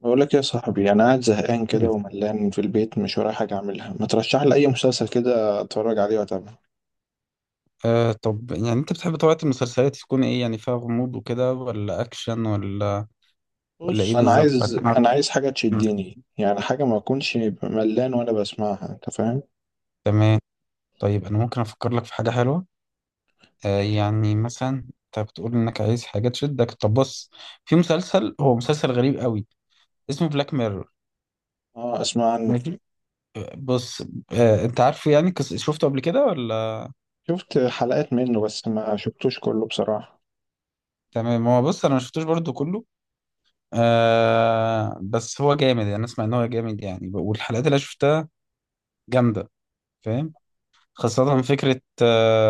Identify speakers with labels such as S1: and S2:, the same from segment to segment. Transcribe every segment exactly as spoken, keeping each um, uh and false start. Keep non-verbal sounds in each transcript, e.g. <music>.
S1: بقول لك يا صاحبي، انا قاعد زهقان كده
S2: مم.
S1: وملان في البيت، مش ورايا حاجه اعملها. ما ترشح لي اي مسلسل كده اتفرج عليه واتابعه.
S2: آه طب يعني انت بتحب طبيعة المسلسلات تكون ايه يعني فيها غموض وكده ولا اكشن ولا ولا ايه
S1: بص، انا
S2: بالظبط؟ <laughs>
S1: عايز،
S2: عشان أعرف.
S1: انا عايز حاجه
S2: مم.
S1: تشدني، يعني حاجه ما اكونش ملان وانا بسمعها. انت فاهم؟
S2: تمام، طيب انا ممكن افكر لك في حاجة حلوة. آه يعني مثلا انت بتقول انك عايز حاجة تشدك. طب بص، في مسلسل هو مسلسل غريب قوي اسمه بلاك ميرور.
S1: اه، اسمع عنه.
S2: ماشي، بص، آه انت عارفه يعني كس- شفته قبل كده ولا؟
S1: شفت حلقات منه بس ما شفتوش كله بصراحه.
S2: تمام، هو بص انا ما شفتوش برضو كله. آه بس هو جامد يعني، اسمع ان هو جامد يعني، والحلقات اللي أنا شفتها جامدة، فاهم؟ خاصة فكرة آه،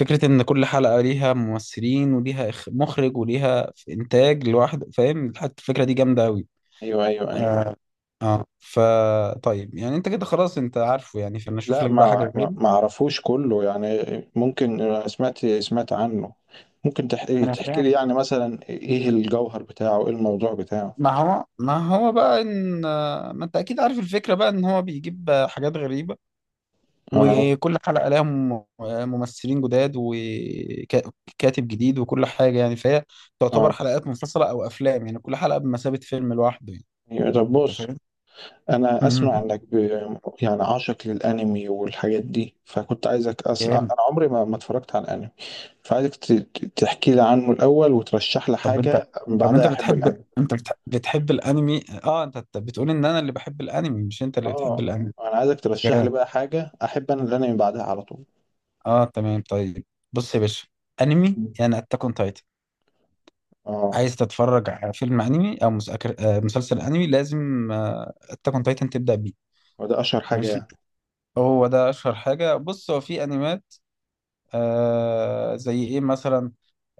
S2: فكرة إن كل حلقة ليها ممثلين وليها إخ- مخرج وليها إنتاج لوحده، فاهم؟ حتى الفكرة دي جامدة أوي.
S1: ايوه، ايوه، ايوه.
S2: آه آه فا طيب، يعني أنت كده خلاص أنت عارفه يعني، فأنا أشوف
S1: لا،
S2: لك بقى
S1: ما
S2: حاجة غير.
S1: ما ما اعرفوش كله يعني. ممكن أنا سمعت سمعت عنه. ممكن تحكي
S2: أنا
S1: تحكي لي
S2: فاهم.
S1: يعني مثلا ايه الجوهر بتاعه، ايه الموضوع بتاعه؟
S2: ما هو ما هو بقى إن آه، ما أنت أكيد عارف الفكرة بقى إن هو بيجيب آه، حاجات غريبة،
S1: اه،
S2: وكل حلقة لها مم- ممثلين جداد وكاتب جديد وكل حاجة يعني، فهي تعتبر
S1: اه.
S2: حلقات منفصلة أو أفلام. يعني كل حلقة بمثابة فيلم لوحده يعني.
S1: أيوة، طب
S2: أنت
S1: بص،
S2: فاهم؟
S1: انا اسمع
S2: مم.
S1: انك ب... يعني عاشق للانمي والحاجات دي، فكنت عايزك. اصلا
S2: جامد.
S1: انا عمري ما ما اتفرجت على الانمي. فعايزك ت... ت- تحكي لي عنه الاول وترشح لي
S2: طب أنت
S1: حاجه من
S2: طب أنت
S1: بعدها احب
S2: بتحب
S1: الانمي.
S2: أنت بتح... بتحب الأنمي؟ أه أنت، أنت بتقول إن أنا اللي بحب الأنمي مش أنت اللي بتحب
S1: اه،
S2: الأنمي.
S1: انا عايزك ترشح لي
S2: جامد.
S1: بقى حاجه احب انا الانمي بعدها على طول.
S2: أه تمام، طيب. بص يا باشا، أنمي يعني أتاك أون تايتن.
S1: اه،
S2: عايز تتفرج على فيلم أنمي أو مسأكر... آه، مسلسل أنمي، لازم أتاك أون تايتن تبدأ بيه.
S1: وده اشهر حاجه
S2: ماليش.
S1: يعني؟
S2: هو ده اشهر حاجه. بص هو في انميات، آه زي ايه مثلا،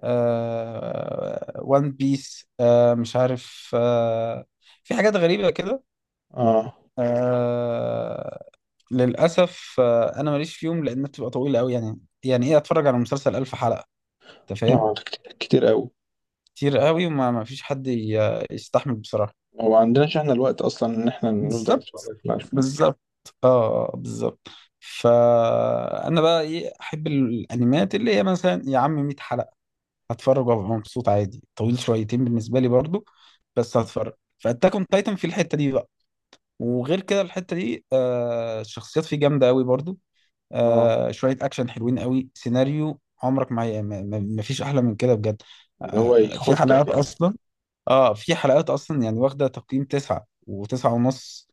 S2: آه وان بيس، آه مش عارف آه، في حاجات غريبه كده.
S1: اه،
S2: آه، للاسف آه انا ماليش فيهم لان بتبقى طويله قوي. يعني يعني ايه اتفرج على مسلسل الف حلقه؟ انت فاهم.
S1: اه، ده كتير، كتير قوي.
S2: كتير قوي، وما ما فيش حد ي- يستحمل بصراحه.
S1: هو عندناش احنا الوقت اصلا ان احنا نفضل
S2: بالظبط.
S1: نتفرج في الألفون.
S2: بالظبط. اه آه، بالظبط. فانا بقى ايه احب الانميات اللي هي مثلا يا عم مية حلقه، هتفرج وابقى مبسوط عادي. طويل شويتين بالنسبه لي برضو، بس هتفرج. فاتاك اون تايتن في الحته دي بقى. وغير كده الحته دي آه، الشخصيات فيه جامده قوي برضو.
S1: اه،
S2: آه، شويه اكشن حلوين قوي، سيناريو عمرك ما ما ما- ما فيش احلى من كده بجد.
S1: اللي هو
S2: آه، في
S1: يخضك
S2: حلقات
S1: يعني.
S2: اصلا، اه في حلقات اصلا يعني واخده تقييم تسعة وتسعة ونص،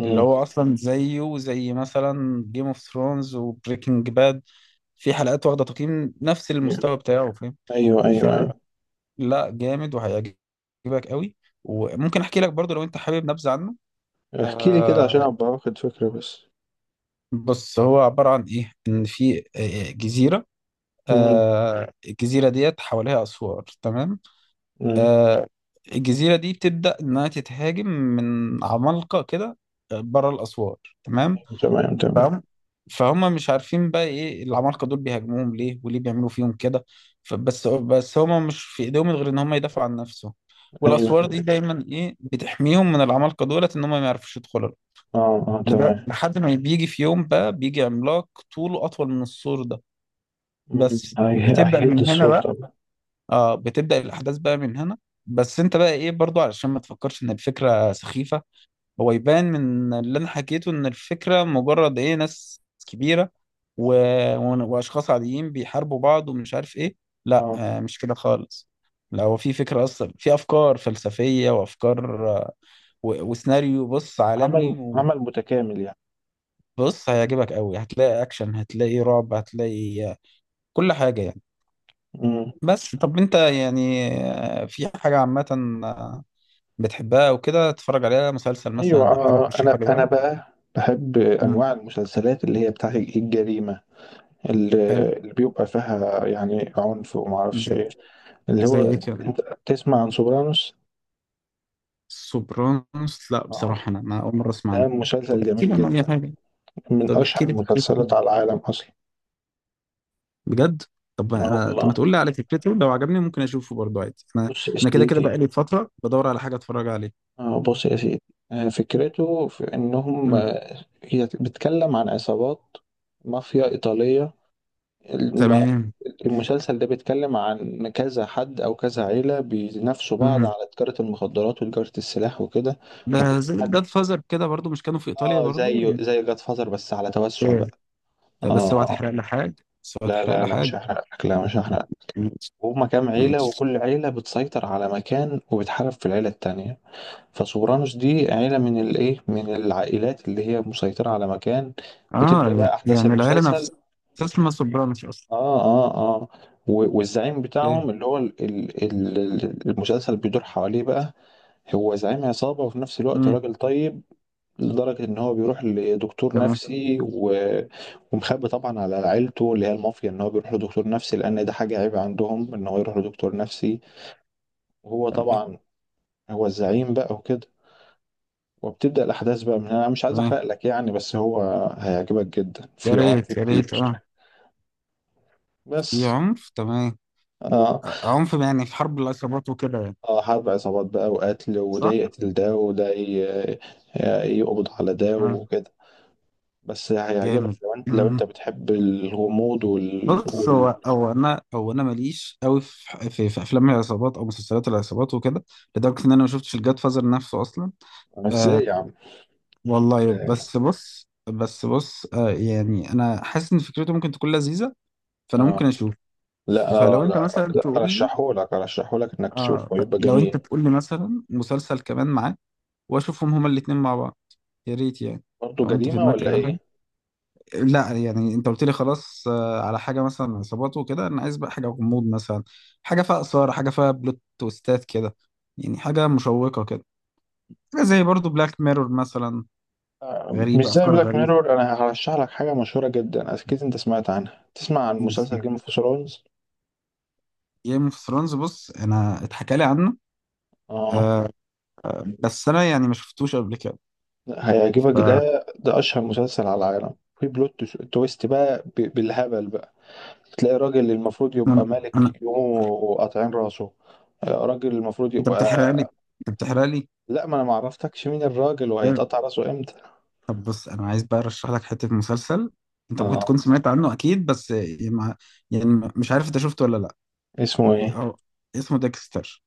S2: اللي هو اصلا زيه زي مثلا جيم اوف ثرونز وبريكنج باد، في حلقات واخده تقييم نفس المستوى بتاعه،
S1: ايوه، ايوه،
S2: فاهم.
S1: ايوه.
S2: لا جامد وهيعجبك قوي. وممكن احكي لك برضو لو انت حابب نبذة عنه.
S1: احكي لي كده عشان
S2: آه
S1: ابقى واخد فكره بس.
S2: بص، هو عبارة عن ايه، ان في آه، آه، جزيرة.
S1: مم.
S2: آه، الجزيرة ديت حواليها اسوار، تمام؟
S1: مم.
S2: آه، الجزيرة دي بتبدأ انها تتهاجم من عمالقة كده بره الاسوار، تمام،
S1: تمام، تمام.
S2: فاهم؟ فهم مش عارفين بقى ايه العمالقه دول، بيهاجموهم ليه وليه بيعملوا فيهم كده. فبس بس هم مش في ايديهم غير ان هم يدافعوا عن نفسهم،
S1: ايوه،
S2: والاسوار دي
S1: تمام.
S2: دايما ايه، بتحميهم من العمالقه دولت ان هم ما يعرفوش يدخلوا.
S1: اه، اه،
S2: لده-
S1: تمام.
S2: لحد ما بيجي في يوم بقى، بيجي عملاق طوله اطول من السور ده.
S1: مم.
S2: بس
S1: هي-
S2: بتبدا
S1: هيهد
S2: من هنا
S1: الصورة
S2: بقى.
S1: طبعا.
S2: اه، بتبدا الاحداث بقى من هنا. بس انت بقى ايه برضو، علشان ما تفكرش ان الفكره سخيفه، هو يبان من اللي انا حكيته ان الفكره مجرد ايه، ناس كبيره و... و... واشخاص عاديين بيحاربوا بعض ومش عارف ايه. لا
S1: اه،
S2: آه، مش كده خالص. لو في فكره اصلا، في افكار فلسفيه وافكار آه، و... وسيناريو بص عالمي.
S1: عمل، عمل متكامل يعني.
S2: وبص هيعجبك قوي، هتلاقي اكشن، هتلاقي رعب، هتلاقي آه، كل حاجه يعني.
S1: مم.
S2: بس طب انت يعني، آه، في حاجه عامه آه، بتحبها وكده تتفرج عليها، مسلسل
S1: ايوه،
S2: مثلا او حاجه
S1: آه،
S2: ترشحها
S1: انا
S2: لي
S1: انا
S2: بقى؟
S1: بقى بحب
S2: مم.
S1: انواع المسلسلات اللي هي بتاع الجريمه. اللي, اللي بيبقى فيها يعني عنف وما اعرفش
S2: حلو.
S1: ايه. اللي
S2: زي
S1: هو،
S2: ايه كده؟
S1: انت تسمع عن سوبرانوس؟
S2: سوبرانوس؟ لا
S1: اه،
S2: بصراحة انا ما، اول مرة اسمع
S1: ده
S2: عنه.
S1: مسلسل
S2: طب احكي
S1: جميل
S2: لي عنه اي
S1: جدا،
S2: حاجة.
S1: من
S2: طب احكي
S1: اشهر
S2: لي فكرته
S1: المسلسلات على العالم اصلا.
S2: بجد. طب
S1: اه
S2: انا
S1: والله،
S2: طب ما تقول لي على فكرته، لو عجبني ممكن اشوفه برضه، عادي انا.
S1: بص يا
S2: انا كده كده
S1: سيدي.
S2: بقالي فترة بدور على حاجة اتفرج عليها.
S1: آه، بص يا سيدي. آه، فكرته في انهم،
S2: مم.
S1: آه، هي بتتكلم عن عصابات، مافيا ايطاليه. الم-
S2: تمام.
S1: المسلسل ده بيتكلم عن كذا حد او كذا عيله بينافسوا بعض
S2: مم.
S1: على تجاره المخدرات وتجاره السلاح وكده.
S2: ده
S1: وكل
S2: زي
S1: حد،
S2: الجاد فازر كده برضه، مش كانوا في ايطاليا
S1: اه
S2: برضه
S1: زيه
S2: ولا
S1: زي جاد فازر بس على توسع
S2: ايه؟
S1: بقى.
S2: طب
S1: اه،
S2: بس اوعى
S1: آه.
S2: تحرق لي حاجة بس اوعى
S1: لا
S2: تحرق
S1: لا
S2: لي
S1: لا، مش
S2: حاجة.
S1: هحرق لك، لا مش هحرق.
S2: ماشي.
S1: هما كام عيله
S2: ماشي.
S1: وكل عيله بتسيطر على مكان وبتحارب في العيله التانيه. فسوبرانوس دي عيلة من الايه، من العائلات اللي هي مسيطرة على مكان،
S2: اه
S1: وتبدأ بقى أحداث
S2: يعني العيلة
S1: المسلسل.
S2: نفسها اسمها سوبرانوس اصلا؟
S1: اه، اه، اه. و- والزعيم
S2: ايه.
S1: بتاعهم اللي هو ال- ال- ال- المسلسل بيدور حواليه بقى، هو زعيم عصابة وفي نفس الوقت
S2: مم.
S1: راجل طيب. لدرجة إن هو بيروح لدكتور
S2: تمام.
S1: نفسي و- ومخبي طبعا على عيلته اللي هي المافيا إن هو بيروح لدكتور نفسي، لأن ده حاجة عيب عندهم إن هو يروح لدكتور نفسي. وهو
S2: تمام.
S1: طبعا هو الزعيم بقى وكده. وبتبدأ الأحداث بقى من هنا. أنا مش عايز
S2: تمام.
S1: أحرق لك يعني، بس هو هيعجبك جدا.
S2: يا
S1: في عنف
S2: ريت. يا ريت،
S1: كتير
S2: اه. في
S1: بس.
S2: عنف، تمام.
S1: آه,
S2: آه، عنف يعني في حرب العصابات وكده يعني،
S1: آه، حرب عصابات بقى وقتل، وده
S2: صح؟
S1: يقتل ده، وده ي- آه، يقبض على ده
S2: تمام.
S1: وكده. بس هيعجبك
S2: جامد.
S1: لو أنت، لو أنت
S2: مم.
S1: بتحب الغموض وال,
S2: بص،
S1: وال...
S2: هو هو انا هو انا ماليش قوي في, في في افلام العصابات او مسلسلات العصابات وكده، لدرجه ان انا ما شفتش الجاد فازر نفسه اصلا. آه
S1: إزاي يا عم؟
S2: والله، بس بص بس بص آه يعني، انا حاسس ان فكرته ممكن تكون لذيذه، فانا ممكن
S1: آه.
S2: اشوف.
S1: لا لا
S2: فلو انت
S1: لا،
S2: مثلا
S1: لا
S2: تقول لي،
S1: أرشحهولك، أرشحهولك إنك
S2: اه
S1: تشوفه،
S2: ف-
S1: يبقى
S2: لو انت
S1: جميل.
S2: تقول لي مثلا مسلسل كمان معاه واشوفهم هما الاثنين مع بعض، يا ريت يعني.
S1: برضه
S2: لو انت في
S1: جريمة
S2: دماغك
S1: ولا
S2: اي حاجه.
S1: إيه؟
S2: مم. لا يعني انت قلت لي خلاص آه، على حاجه مثلا عصابات وكده، انا عايز بقى حاجه غموض مثلا، حاجه فيها اثاره، حاجه فيها بلوت تويستات كده، يعني حاجه مشوقه كده، حاجه زي برضو بلاك ميرور مثلا،
S1: مش
S2: غريبه،
S1: زي
S2: افكار
S1: بلاك
S2: غريبه.
S1: ميرور، انا هرشح لك حاجه مشهوره جدا اكيد انت سمعت عنها. تسمع عن مسلسل جيم اوف ثرونز؟
S2: جيم اوف ثرونز؟ بص انا اتحكى لي عنه،
S1: اه،
S2: آه، بس انا يعني ما شفتوش قبل كده. ف
S1: هيعجبك ده. ده اشهر مسلسل على العالم، في بلوت تش- تويست بقى ب- بالهبل بقى. تلاقي راجل اللي المفروض يبقى
S2: انا انا
S1: ملك يقوموا قاطعين راسه. آه، راجل المفروض
S2: انت بتحرق لي،
S1: يبقى.
S2: انت بتحرق لي
S1: لا، ما انا ما عرفتكش مين الراجل وهيتقطع راسه امتى.
S2: طب بص، انا عايز بقى ارشح لك حته مسلسل، انت ممكن
S1: اه،
S2: تكون سمعت عنه اكيد بس يعني ما- يعني مش عارف انت شفته ولا لا.
S1: اسمه ايه؟
S2: هو اسمه ديكستر.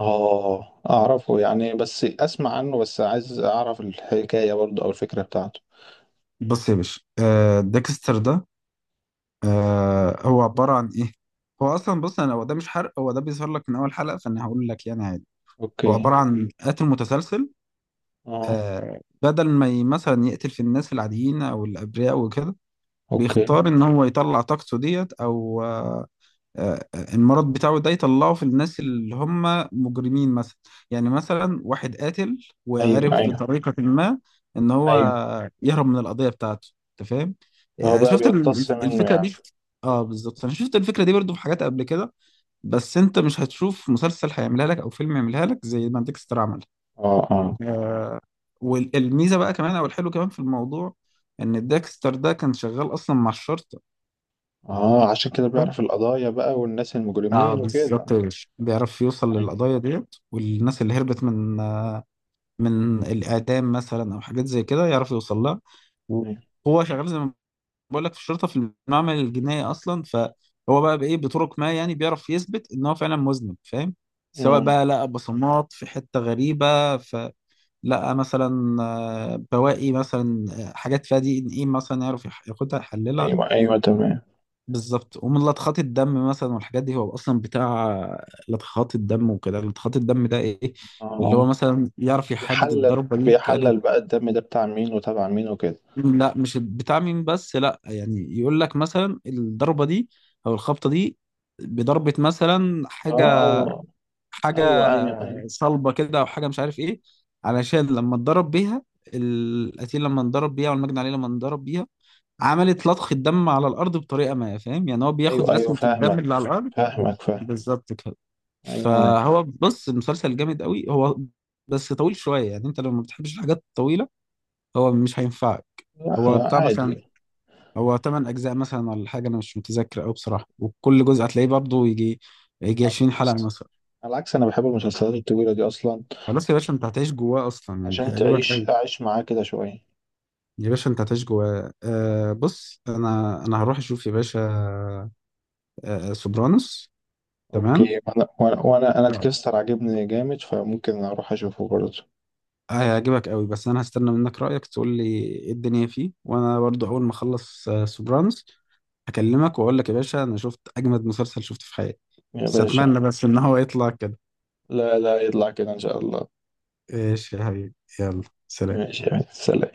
S1: اه، اعرفه يعني، بس اسمع عنه بس. عايز اعرف الحكايه برضه او الفكره بتاعته.
S2: بص يا باشا آه، ديكستر ده آه، هو عباره عن ايه؟ هو اصلا بص انا هو ده مش حرق، هو ده بيظهر لك من اول حلقه، فانا هقول لك يعني عادي. هو
S1: اوكي.
S2: عباره عن قاتل متسلسل،
S1: اه.
S2: آه بدل ما ي- مثلا يقتل في الناس العاديين او الابرياء وكده،
S1: اوكي.
S2: بيختار ان هو يطلع طاقته ديت او آه، آه، آه، المرض بتاعه ده يطلعه في الناس اللي هم مجرمين مثلا. يعني مثلا واحد قاتل
S1: ايوه،
S2: وعرف
S1: ايوه،
S2: بطريقة ما ان هو
S1: ايوه.
S2: يهرب من القضية بتاعته، انت فاهم؟
S1: فهو
S2: يعني
S1: بقى
S2: شفت ال-
S1: بيقتص منه
S2: الفكرة
S1: يعني؟
S2: دي. اه بالظبط، انا شفت الفكرة دي برضو في حاجات قبل كده، بس انت مش هتشوف مسلسل هيعملها لك او فيلم يعملها لك زي ما ديكستر عمل.
S1: اه، اه،
S2: آه. والميزة بقى كمان، او الحلو كمان في الموضوع، ان ديكستر ده كان شغال اصلا مع الشرطة.
S1: اه، عشان كده بيعرف القضايا بقى والناس
S2: اه
S1: المجرمين
S2: بالظبط
S1: وكده.
S2: يا باشا، بيعرف يوصل
S1: ايوه،
S2: للقضايا ديت والناس اللي هربت من آه، من الاعدام مثلا او حاجات زي كده، يعرف يوصل لها.
S1: ايوه.
S2: وهو شغال زي ما بقول لك في الشرطه، في المعمل الجنائي اصلا، فهو بقى بايه، بطرق ما يعني، بيعرف يثبت ان هو فعلا مذنب، فاهم؟ سواء
S1: امم.
S2: بقى لقى بصمات في حته غريبه، فلقى مثلا آه، بواقي مثلا آه، حاجات فيها دي ان ايه، مثلا يعرف يح- ياخدها يحللها.
S1: ايوه، ايوه، تمام.
S2: بالظبط. ومن لطخات الدم مثلا والحاجات دي، هو اصلا بتاع لطخات الدم وكده. لطخات الدم ده ايه،
S1: اه،
S2: اللي هو
S1: آه.
S2: مثلا يعرف يحدد
S1: بيحلل،
S2: الضربه دي كانت.
S1: بيحلل بقى الدم ده بتاع مين وتبع مين وكده.
S2: لا مش بتاع مين بس، لا يعني يقول لك مثلا الضربه دي او الخبطه دي بضربه مثلا
S1: اه،
S2: حاجه
S1: آه. ايوه،
S2: حاجه
S1: ايوه، ايوه.
S2: صلبه كده او حاجه مش عارف ايه، علشان لما اتضرب بيها القتيل، لما انضرب بيها والمجني عليه لما انضرب بيها، عملت لطخ الدم على الارض بطريقه ما، فاهم؟ يعني هو
S1: ايوه،
S2: بياخد
S1: ايوه،
S2: رسمه الدم
S1: فاهمك،
S2: اللي على الارض.
S1: فاهمك، فاهم.
S2: بالظبط كده.
S1: ايوه، ايوه.
S2: فهو بص، المسلسل جامد قوي، هو بس طويل شوية، يعني انت لو ما بتحبش الحاجات الطويلة هو مش هينفعك.
S1: لا
S2: هو
S1: لا،
S2: بتاع مثلا،
S1: عادي.
S2: هو تمن أجزاء مثلا ولا حاجة أنا مش متذكر أوي بصراحة، وكل جزء هتلاقيه برضه يجي يجي
S1: على
S2: عشرين حلقة
S1: العكس،
S2: مثلا.
S1: على العكس، انا بحب المسلسلات الطويلة دي اصلا.
S2: خلاص يا باشا أنت هتعيش جواه أصلا يعني،
S1: عشان
S2: هيعجبك
S1: تعيش،
S2: أوي.
S1: اعيش معاه كده شوية.
S2: يا باشا أنت هتعيش جواه. آه بص أنا، أنا هروح أشوف يا باشا آه سوبرانوس. تمام،
S1: اوكي، وانا وانا وانا انا تكستر عاجبني جامد، فممكن اروح اشوفه برضه.
S2: هيعجبك قوي. بس انا هستنى منك رأيك، تقول لي ايه الدنيا فيه، وانا برضو اول ما اخلص آه، سوبرانز، هكلمك واقول لك يا باشا انا شفت اجمد مسلسل شفته في حياتي.
S1: يا
S2: بس
S1: باشا،
S2: اتمنى بس ان هو يطلع كده.
S1: لا لا، يطلع كده ان شاء الله.
S2: ايش يا حبيبي. يلا، سلام.
S1: ماشي، يا سلام.